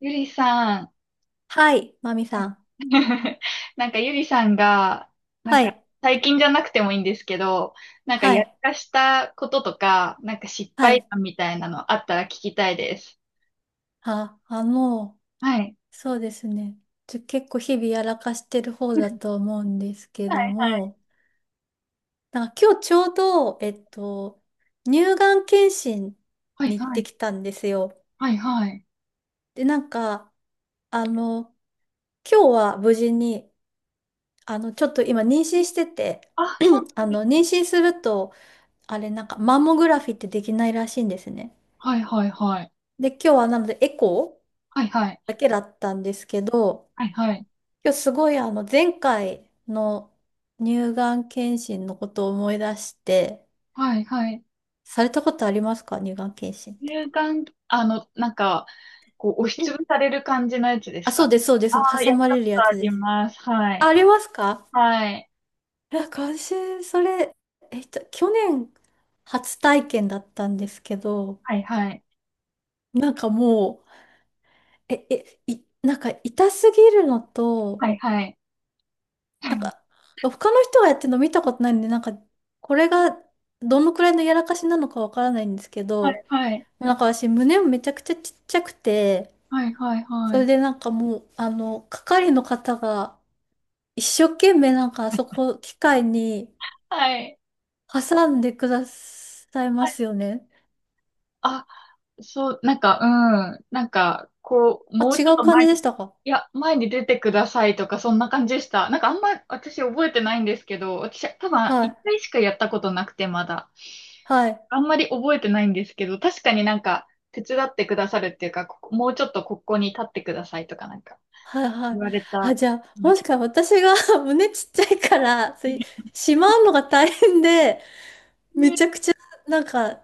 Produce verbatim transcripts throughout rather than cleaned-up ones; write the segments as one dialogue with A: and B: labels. A: ゆりさん。
B: はい、マミさん。
A: なんかゆりさんが、なん
B: は
A: か
B: い、
A: 最近じゃなくてもいいんですけど、なんか
B: は
A: や
B: い、
A: らかしたこととか、なんか失
B: は
A: 敗
B: い。
A: 談みたいなのあったら聞きたいです。
B: あ、あの、
A: はい。
B: そうですね。ちょ、結構日々やらかしてる方だ と思うんですけ
A: は
B: ど
A: いはい。
B: も、なんか今日ちょうど、えっと、乳がん検診
A: はい
B: に行っ
A: は
B: て
A: い。
B: きたんですよ。
A: はいはい。
B: で、なんか、あの、今日は無事に、あの、ちょっと今妊娠してて、
A: あ、そうな
B: あ
A: んです
B: の、
A: ね。
B: 妊娠すると、あれ、なんか、マンモグラフィーってできないらしいんですね。
A: はいはいはい。
B: で、今日はなので、エコ
A: はいはい。
B: ーだけだったんですけど、
A: はいはい。
B: 今日すごいあの前回の乳がん検診のことを思い出して、
A: はいはい。
B: されたことありますか？乳がん検診って。
A: 乳がん、あの、なんか、こう、押し
B: うん。
A: つぶされる感じのやつです
B: あ、そう
A: か？
B: です、そうで
A: あ
B: す。
A: あー、
B: 挟
A: やっ
B: ま
A: た
B: れ
A: こ
B: る
A: と
B: や
A: あ
B: つ
A: り
B: です。
A: ます。は
B: あ、あ
A: い。
B: りますか？
A: はい。
B: あ今週、それ、えっと、去年初体験だったんですけど、
A: はいはい。
B: なんかもう、え、え、い、なんか痛すぎるのと、
A: はいはい。
B: なん か、他の人がやってるの見たことないんで、なんか、これがどのくらいのやらかしなのかわからないんですけ
A: はい、
B: ど、
A: はい、
B: なんか私、胸もめちゃくちゃちっちゃくて、
A: はい、はい、は
B: それ
A: い。
B: でなんかもう、あの、係の方が一生懸命なんかあそこ、機械に
A: はい。
B: 挟んでくださいま
A: はい。
B: すよね。
A: あ、そう、なんか、うん。なんか、こう、
B: あ、
A: もう
B: 違
A: ちょっ
B: う
A: と
B: 感
A: 前
B: じで
A: に、
B: したか？
A: いや、前に出てくださいとか、そんな感じでした。なんか、あんま私覚えてないんですけど、私、多分、
B: は
A: 一
B: い、
A: 回しかやったことなくて、まだ。
B: はい、
A: あんまり覚えてないんですけど、確かになんか、手伝ってくださるっていうか、ここもうちょっとここに立ってくださいとか、なんか、
B: はい、は
A: 言
B: い。
A: われた
B: あ、
A: よ
B: じゃあ、
A: うな
B: もし
A: 気が
B: か私が 胸ちっちゃいから、そうい
A: し
B: う
A: ま
B: しまうのが大変で、め
A: す。
B: ちゃくちゃ、なんか、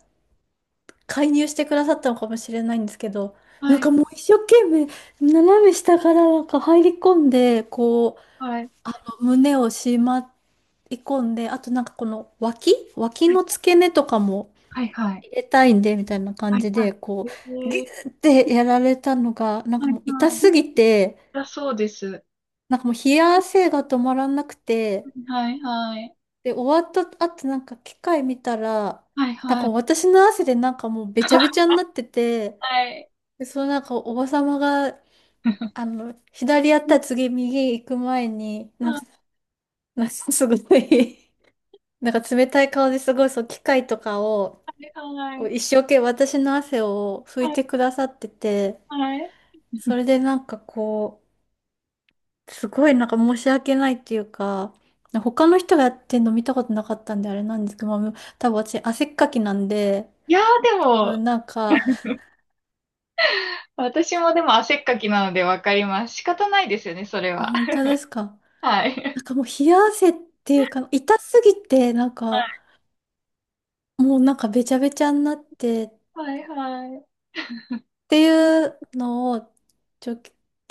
B: 介入してくださったのかもしれないんですけど、な
A: は
B: ん
A: い、
B: かもう一生懸命、斜め下からなんか入り込んで、こう、
A: はい、
B: あの、胸をしまい込んで、あとなんかこの脇、脇
A: はい、
B: の付け根とかも
A: はい、はい、
B: 入れたいんで、みたいな感
A: はい、
B: じ
A: は
B: で、
A: い。
B: こ
A: え
B: う、ギュ
A: ー
B: ーってやられたのが、なんか
A: はい、
B: もう痛
A: は
B: す
A: い。
B: ぎて、
A: だそうです。
B: なんかもう冷や汗が止まらなくて、
A: はいはい。
B: で、終わった後なんか機械見たら、
A: はい
B: なん
A: は
B: か
A: い。
B: 私の汗でなんかもうべちゃべちゃになってて、
A: はい。
B: で、そのなんかおばさまが、あの、左やったら次右行く前に、なんか、
A: は
B: なんかすごい なんか冷たい顔ですごい、そう、機械とかを、
A: いは
B: こう
A: い。
B: 一生懸命私の汗を拭い
A: はい
B: てくださってて、
A: はい。
B: それでなんかこう、すごいなんか申し訳ないっていうか、他の人がやってんの見たことなかったんであれなんですけど、まあ、多分私汗っかきなんで、
A: いやーで
B: 多
A: も、
B: 分なんか、
A: 私もでも汗っかきなのでわかります。仕方ないですよね、それ
B: あ、
A: は。
B: 本当ですか？
A: はい。
B: なんかもう冷や汗っていうか、痛すぎて、なんか、もうなんかべちゃべちゃになってっ
A: はいはい。
B: て
A: う
B: い
A: ん。
B: うのを、ちょ、今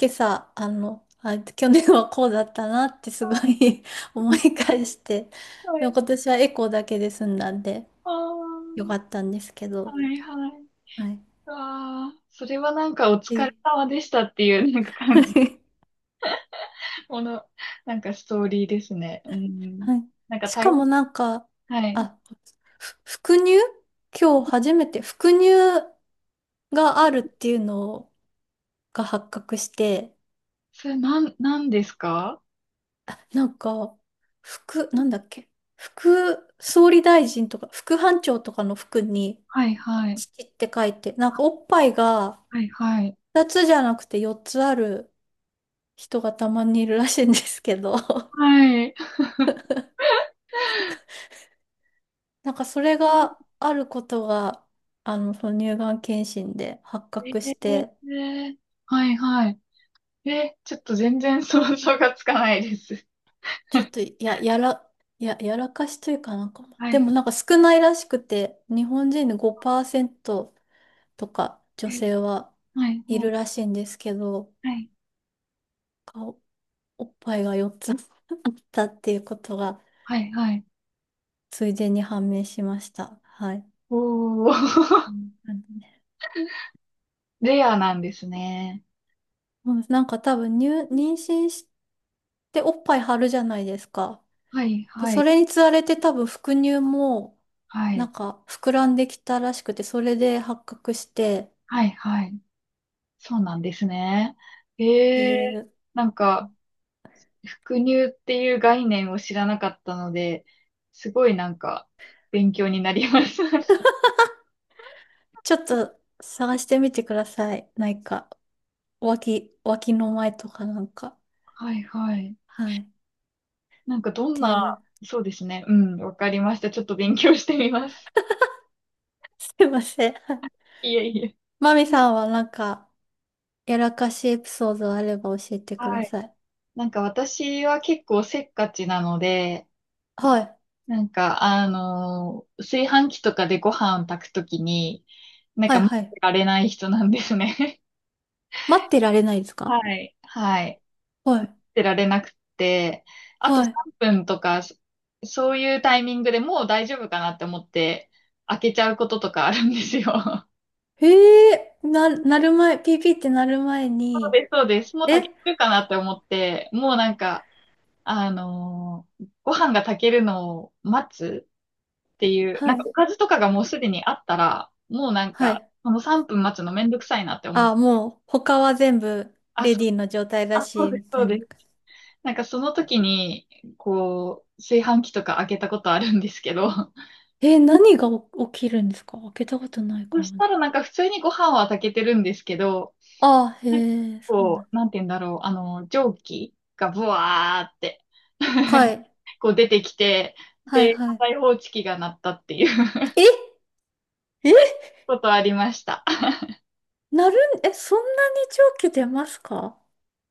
B: 朝、あの、あ、去年はこうだったなってすごい 思い返して、
A: は
B: でも
A: い。
B: 今年はエコーだけで済んだんで
A: あ
B: よか
A: あ。
B: ったんですけ
A: は
B: ど、
A: いはい。
B: はい。
A: ああ、それはなんかお疲れ
B: で
A: 様でしたっていう、なんか感じ、この、なんかストーリーですね。うん。
B: はい。
A: なんか
B: し
A: 大
B: か
A: 変、
B: もなんか、
A: はい。
B: あ、ふ副乳今日初めて副乳があるっていうのが発覚して、
A: それなん、なんですか？
B: なんか、副、なんだっけ、副総理大臣とか、副班長とかの服に、
A: はいはい。
B: 父って書いて、なんかおっぱいが
A: はいはい。
B: ふたつじゃなくてよっつある人がたまにいるらしいんですけど、
A: はい。
B: なんかそれがあることが、あの、その乳がん検診で発覚して、
A: えー。はいはい。え、ちょっと全然想像がつかないです。
B: ちょっ とや、やら、や、やらかしというかなんか、
A: は
B: で
A: い
B: も
A: は
B: なんか少ないらしくて、日本人でごパーセントとか女
A: い。
B: 性は
A: はい
B: いるらしいんですけど、
A: はい。
B: 顔、おっぱいがよっつ あったっていうことが
A: はいはい。
B: ついでに判明しました。はい。
A: おー。
B: うん。なんでね、
A: レアなんですね。
B: もうなんか多分入、妊娠しておっぱい張るじゃないですか。
A: はい
B: で、
A: は
B: そ
A: い
B: れにつられて多分副乳も
A: は
B: な
A: い。
B: んか膨らんできたらしくて、それで発覚してっ
A: はいはい。そうなんですね。
B: て
A: え
B: い
A: え。
B: う、
A: なんか、伏乳っていう概念を知らなかったので、すごいなんか、勉強になりました。
B: ちょっと探してみてください。なんか、脇、脇の前とかなんか。
A: はいはい。
B: はい。っ
A: なんかどん
B: ていう。
A: な、そうですね。うん、わかりました。ちょっと勉強してみます。
B: すいません。
A: いえいえ。
B: マミさんはなんか、やらかしエピソードあれば教えてくだ
A: はい。
B: さい。
A: なんか私は結構せっかちなので、
B: はい。
A: なんかあのー炊飯器とかでご飯を炊くときに、なん
B: は
A: か
B: い、
A: 待
B: は
A: っ
B: い。
A: てられない人なんですね。
B: 待ってられないですか？
A: はい。はい。待
B: はい。
A: ってられなくて、あと
B: はい。
A: さんぷんとか、そそういうタイミングでもう大丈夫かなって思って、開けちゃうこととかあるんですよ。
B: へえ、な、なる前、PP ってなる前
A: そう
B: に、
A: です、そうです。もう炊
B: え
A: けてるかなって思って、もうなんか、あのー、ご飯が炊けるのを待つっていう、
B: は
A: なんか
B: い。
A: おかずとかがもうすでにあったら、もうなん
B: は
A: か、
B: い。
A: このさんぷん待つのめんどくさいなって思っ
B: あ、
A: て、
B: もう、他は全部、
A: あ、
B: レ
A: そ
B: ディーの状態だ
A: あ、そう
B: し、
A: で
B: み
A: す、
B: た
A: そう
B: い
A: で
B: な。
A: す。なんかその時に、こう、炊飯器とか開けたことあるんですけど、
B: え、何がお起きるんですか？開けたことないか
A: そし
B: も
A: た
B: で
A: ら
B: す。
A: なんか普通にご飯は炊けてるんですけど、
B: あ、へ
A: なんか
B: え、そうな
A: こ
B: ん。
A: う、なんて言うんだろう、あの、蒸気がブワーって、
B: はい。
A: こう出てきて、
B: はい、
A: で、
B: はい。
A: 火災報知器が鳴ったっていう
B: ええ、
A: ことありました。
B: なるん、え、そんなに長期出ますか？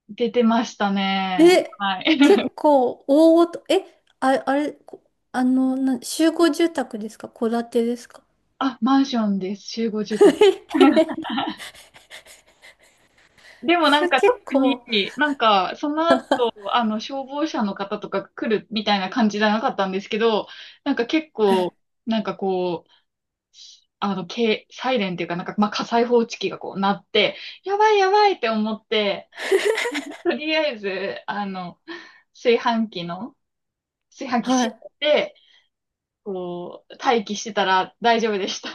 A: 出てましたね。
B: え、
A: はい。
B: 結構大ごと、え、あ、あれ、こあの、な、集合住宅ですか？戸建てですか？
A: あ、マンションです。集合住 宅。でもな
B: そ
A: ん
B: れ
A: か
B: 結
A: 特に。
B: 構、
A: なんかその後、あの消防車の方とか来るみたいな感じじゃなかったんですけど、なんか結構、
B: え、
A: なんかこう、あの、け、サイレンっていうかなんか、まあ、火災報知器がこう鳴って、やばいやばいって思って、とりあえず、あの、炊飯器の、炊飯
B: は
A: 器
B: い。
A: 閉めて、こう、待機してたら大丈夫でした。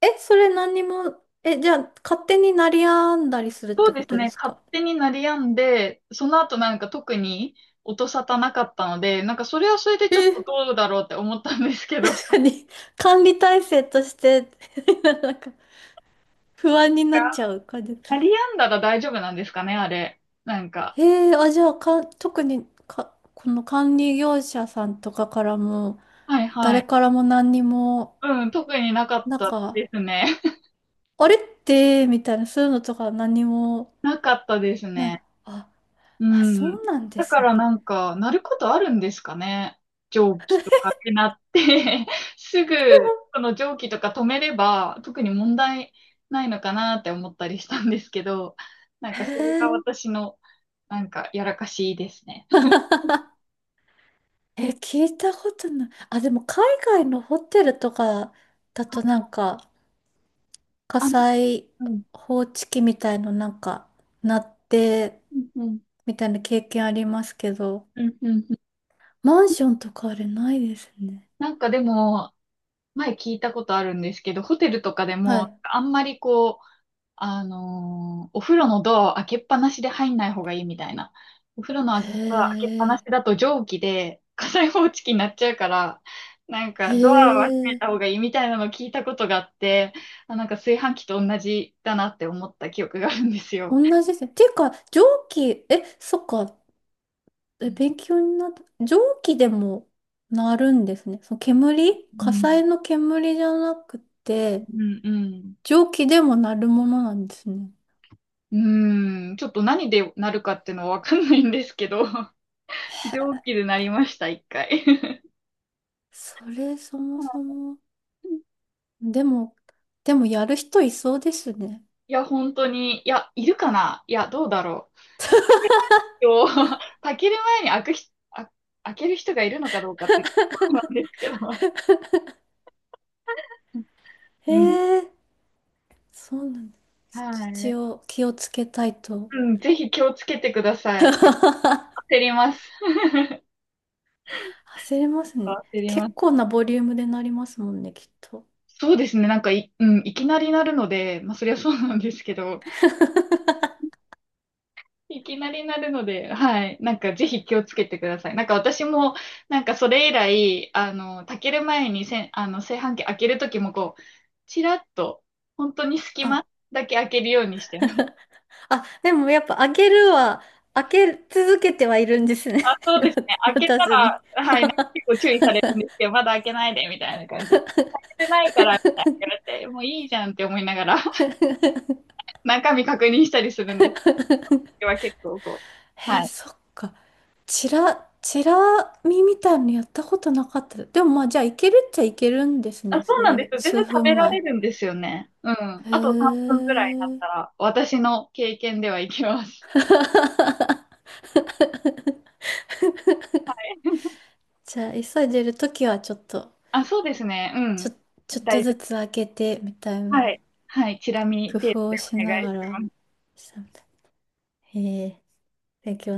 B: え、それ何にも、え、じゃあ、勝手になりやんだりするっ
A: そう
B: て
A: で
B: こ
A: す
B: とで
A: ね。
B: す
A: 勝
B: か？
A: 手に鳴り止んで、その後なんか特に音沙汰なかったので、なんかそれはそれでちょっと
B: え、
A: どうだろうって思ったんですけど、
B: 何、管理体制として なんか、不安になっちゃう感じ。
A: 鳴り止んだら大丈夫なんですかね、あれ。なんか。
B: へえ、あ、じゃあ、か、特に、か、この管理業者さんとかからも、
A: はいは
B: 誰
A: い。
B: からも何にも、
A: うん、特になかっ
B: なん
A: た
B: か、
A: ですね。
B: あれってみたいな、そういうのとか何も
A: なかったです
B: ない。
A: ね。
B: あ、
A: う
B: あ、
A: ん。
B: そうなんで
A: だか
B: すね。
A: らなんか、なることあるんですかね。蒸気とかってなって すぐ、この蒸気とか止めれば、特に問題ないのかなって思ったりしたんですけど、なん
B: へ
A: かそれが
B: え。
A: 私の、なんか、やらかしですね。
B: え、聞いたことない。あ、でも海外のホテルとかだとなんか火
A: あ、
B: 災
A: うん、
B: 報知器みたいのなんか鳴って
A: うん、うん、
B: みたいな経験ありますけど、
A: うん、うん。
B: マンションとかあれないですね。
A: なんかでも、前聞いたことあるんですけど、ホテルとかで
B: は
A: も、
B: い。
A: あんまりこう、あのーお風呂のドアを開けっぱなしで入んない方がいいみたいな。お風呂の
B: へ
A: ドア開けっぱなし
B: え。
A: だと蒸気で火災報知器になっちゃうから、なん
B: へ
A: かドアは閉めた
B: え。
A: 方がいいみたいなのを聞いたことがあって、あ、なんか炊飯器と同じだなって思った記憶があるんですよ。
B: 同じですね。っていうか、蒸気、え、そっか。え、
A: う
B: 勉強になった。蒸気でもなるんですね。その煙、火
A: ん、
B: 災の煙じゃなくて、
A: うん、うん。
B: 蒸気でもなるものなんですね。
A: うん、ちょっと何でなるかっていうのはわかんないんですけど、蒸気でなりました、一回。
B: それそもそも。でも、でもやる人いそうですね。
A: いや、本当に、いや、いるかな。いや、どうだろう。を 炊ける前に開くひ、あ、開ける人がいるのかどうかっていうところなんですけど。
B: へ
A: うん。
B: え、そうなんだ。
A: は
B: 一
A: い。
B: 応気をつけたいと。
A: うん、ぜひ気をつけてください。焦ります。
B: 焦りますね。
A: 焦りま
B: 結構
A: す。
B: なボリュームでなりますもんね、きっと。
A: そうですね。なんかい、うん、いきなりなるので、まあ、そりゃそうなんですけど、いきなりなるので、はい。なんか、ぜひ気をつけてください。なんか、私も、なんか、それ以来、あの、炊ける前にせん、あの、炊飯器開けるときも、こう、ちらっと、本当に隙
B: あ
A: 間だけ開けるようにしてます。
B: あ、でもやっぱ開けるは、開け続けてはいるんですね。
A: あ、そうですね。開
B: 渡
A: け
B: 渡
A: た
B: すに。
A: ら、はい、なんか結構注意されるんですけど、まだ開けないで、みたいな感じで。開けてないから、みたいな言われて、もういいじゃんって思いながら、中身確認したりするんです。これは結構こう。
B: え
A: は
B: ー、
A: い。
B: そっか。チラ、チラ見みたいのやったことなかった。でもまあじゃあいけるっちゃいけるんです
A: あ、
B: ね。
A: そう
B: そう
A: なん
B: い
A: で
B: う
A: すよ。全
B: 数
A: 然食べ
B: 分
A: ら
B: 前。
A: れるんですよね。うん。
B: へ
A: あとさんぷんくらいになっ
B: え。
A: たら、私の経験ではいけます。はい。
B: じゃあ急いでるときはちょっと、
A: あ、そうですね。う
B: ちょ、
A: ん。
B: ちょっと
A: 大丈
B: ずつ開けてみたい
A: 夫。は
B: な
A: い。はい。チラ見
B: 工
A: 程度
B: 夫
A: で
B: をし
A: お
B: な
A: 願いし
B: がら。
A: ます。
B: へえ。勉強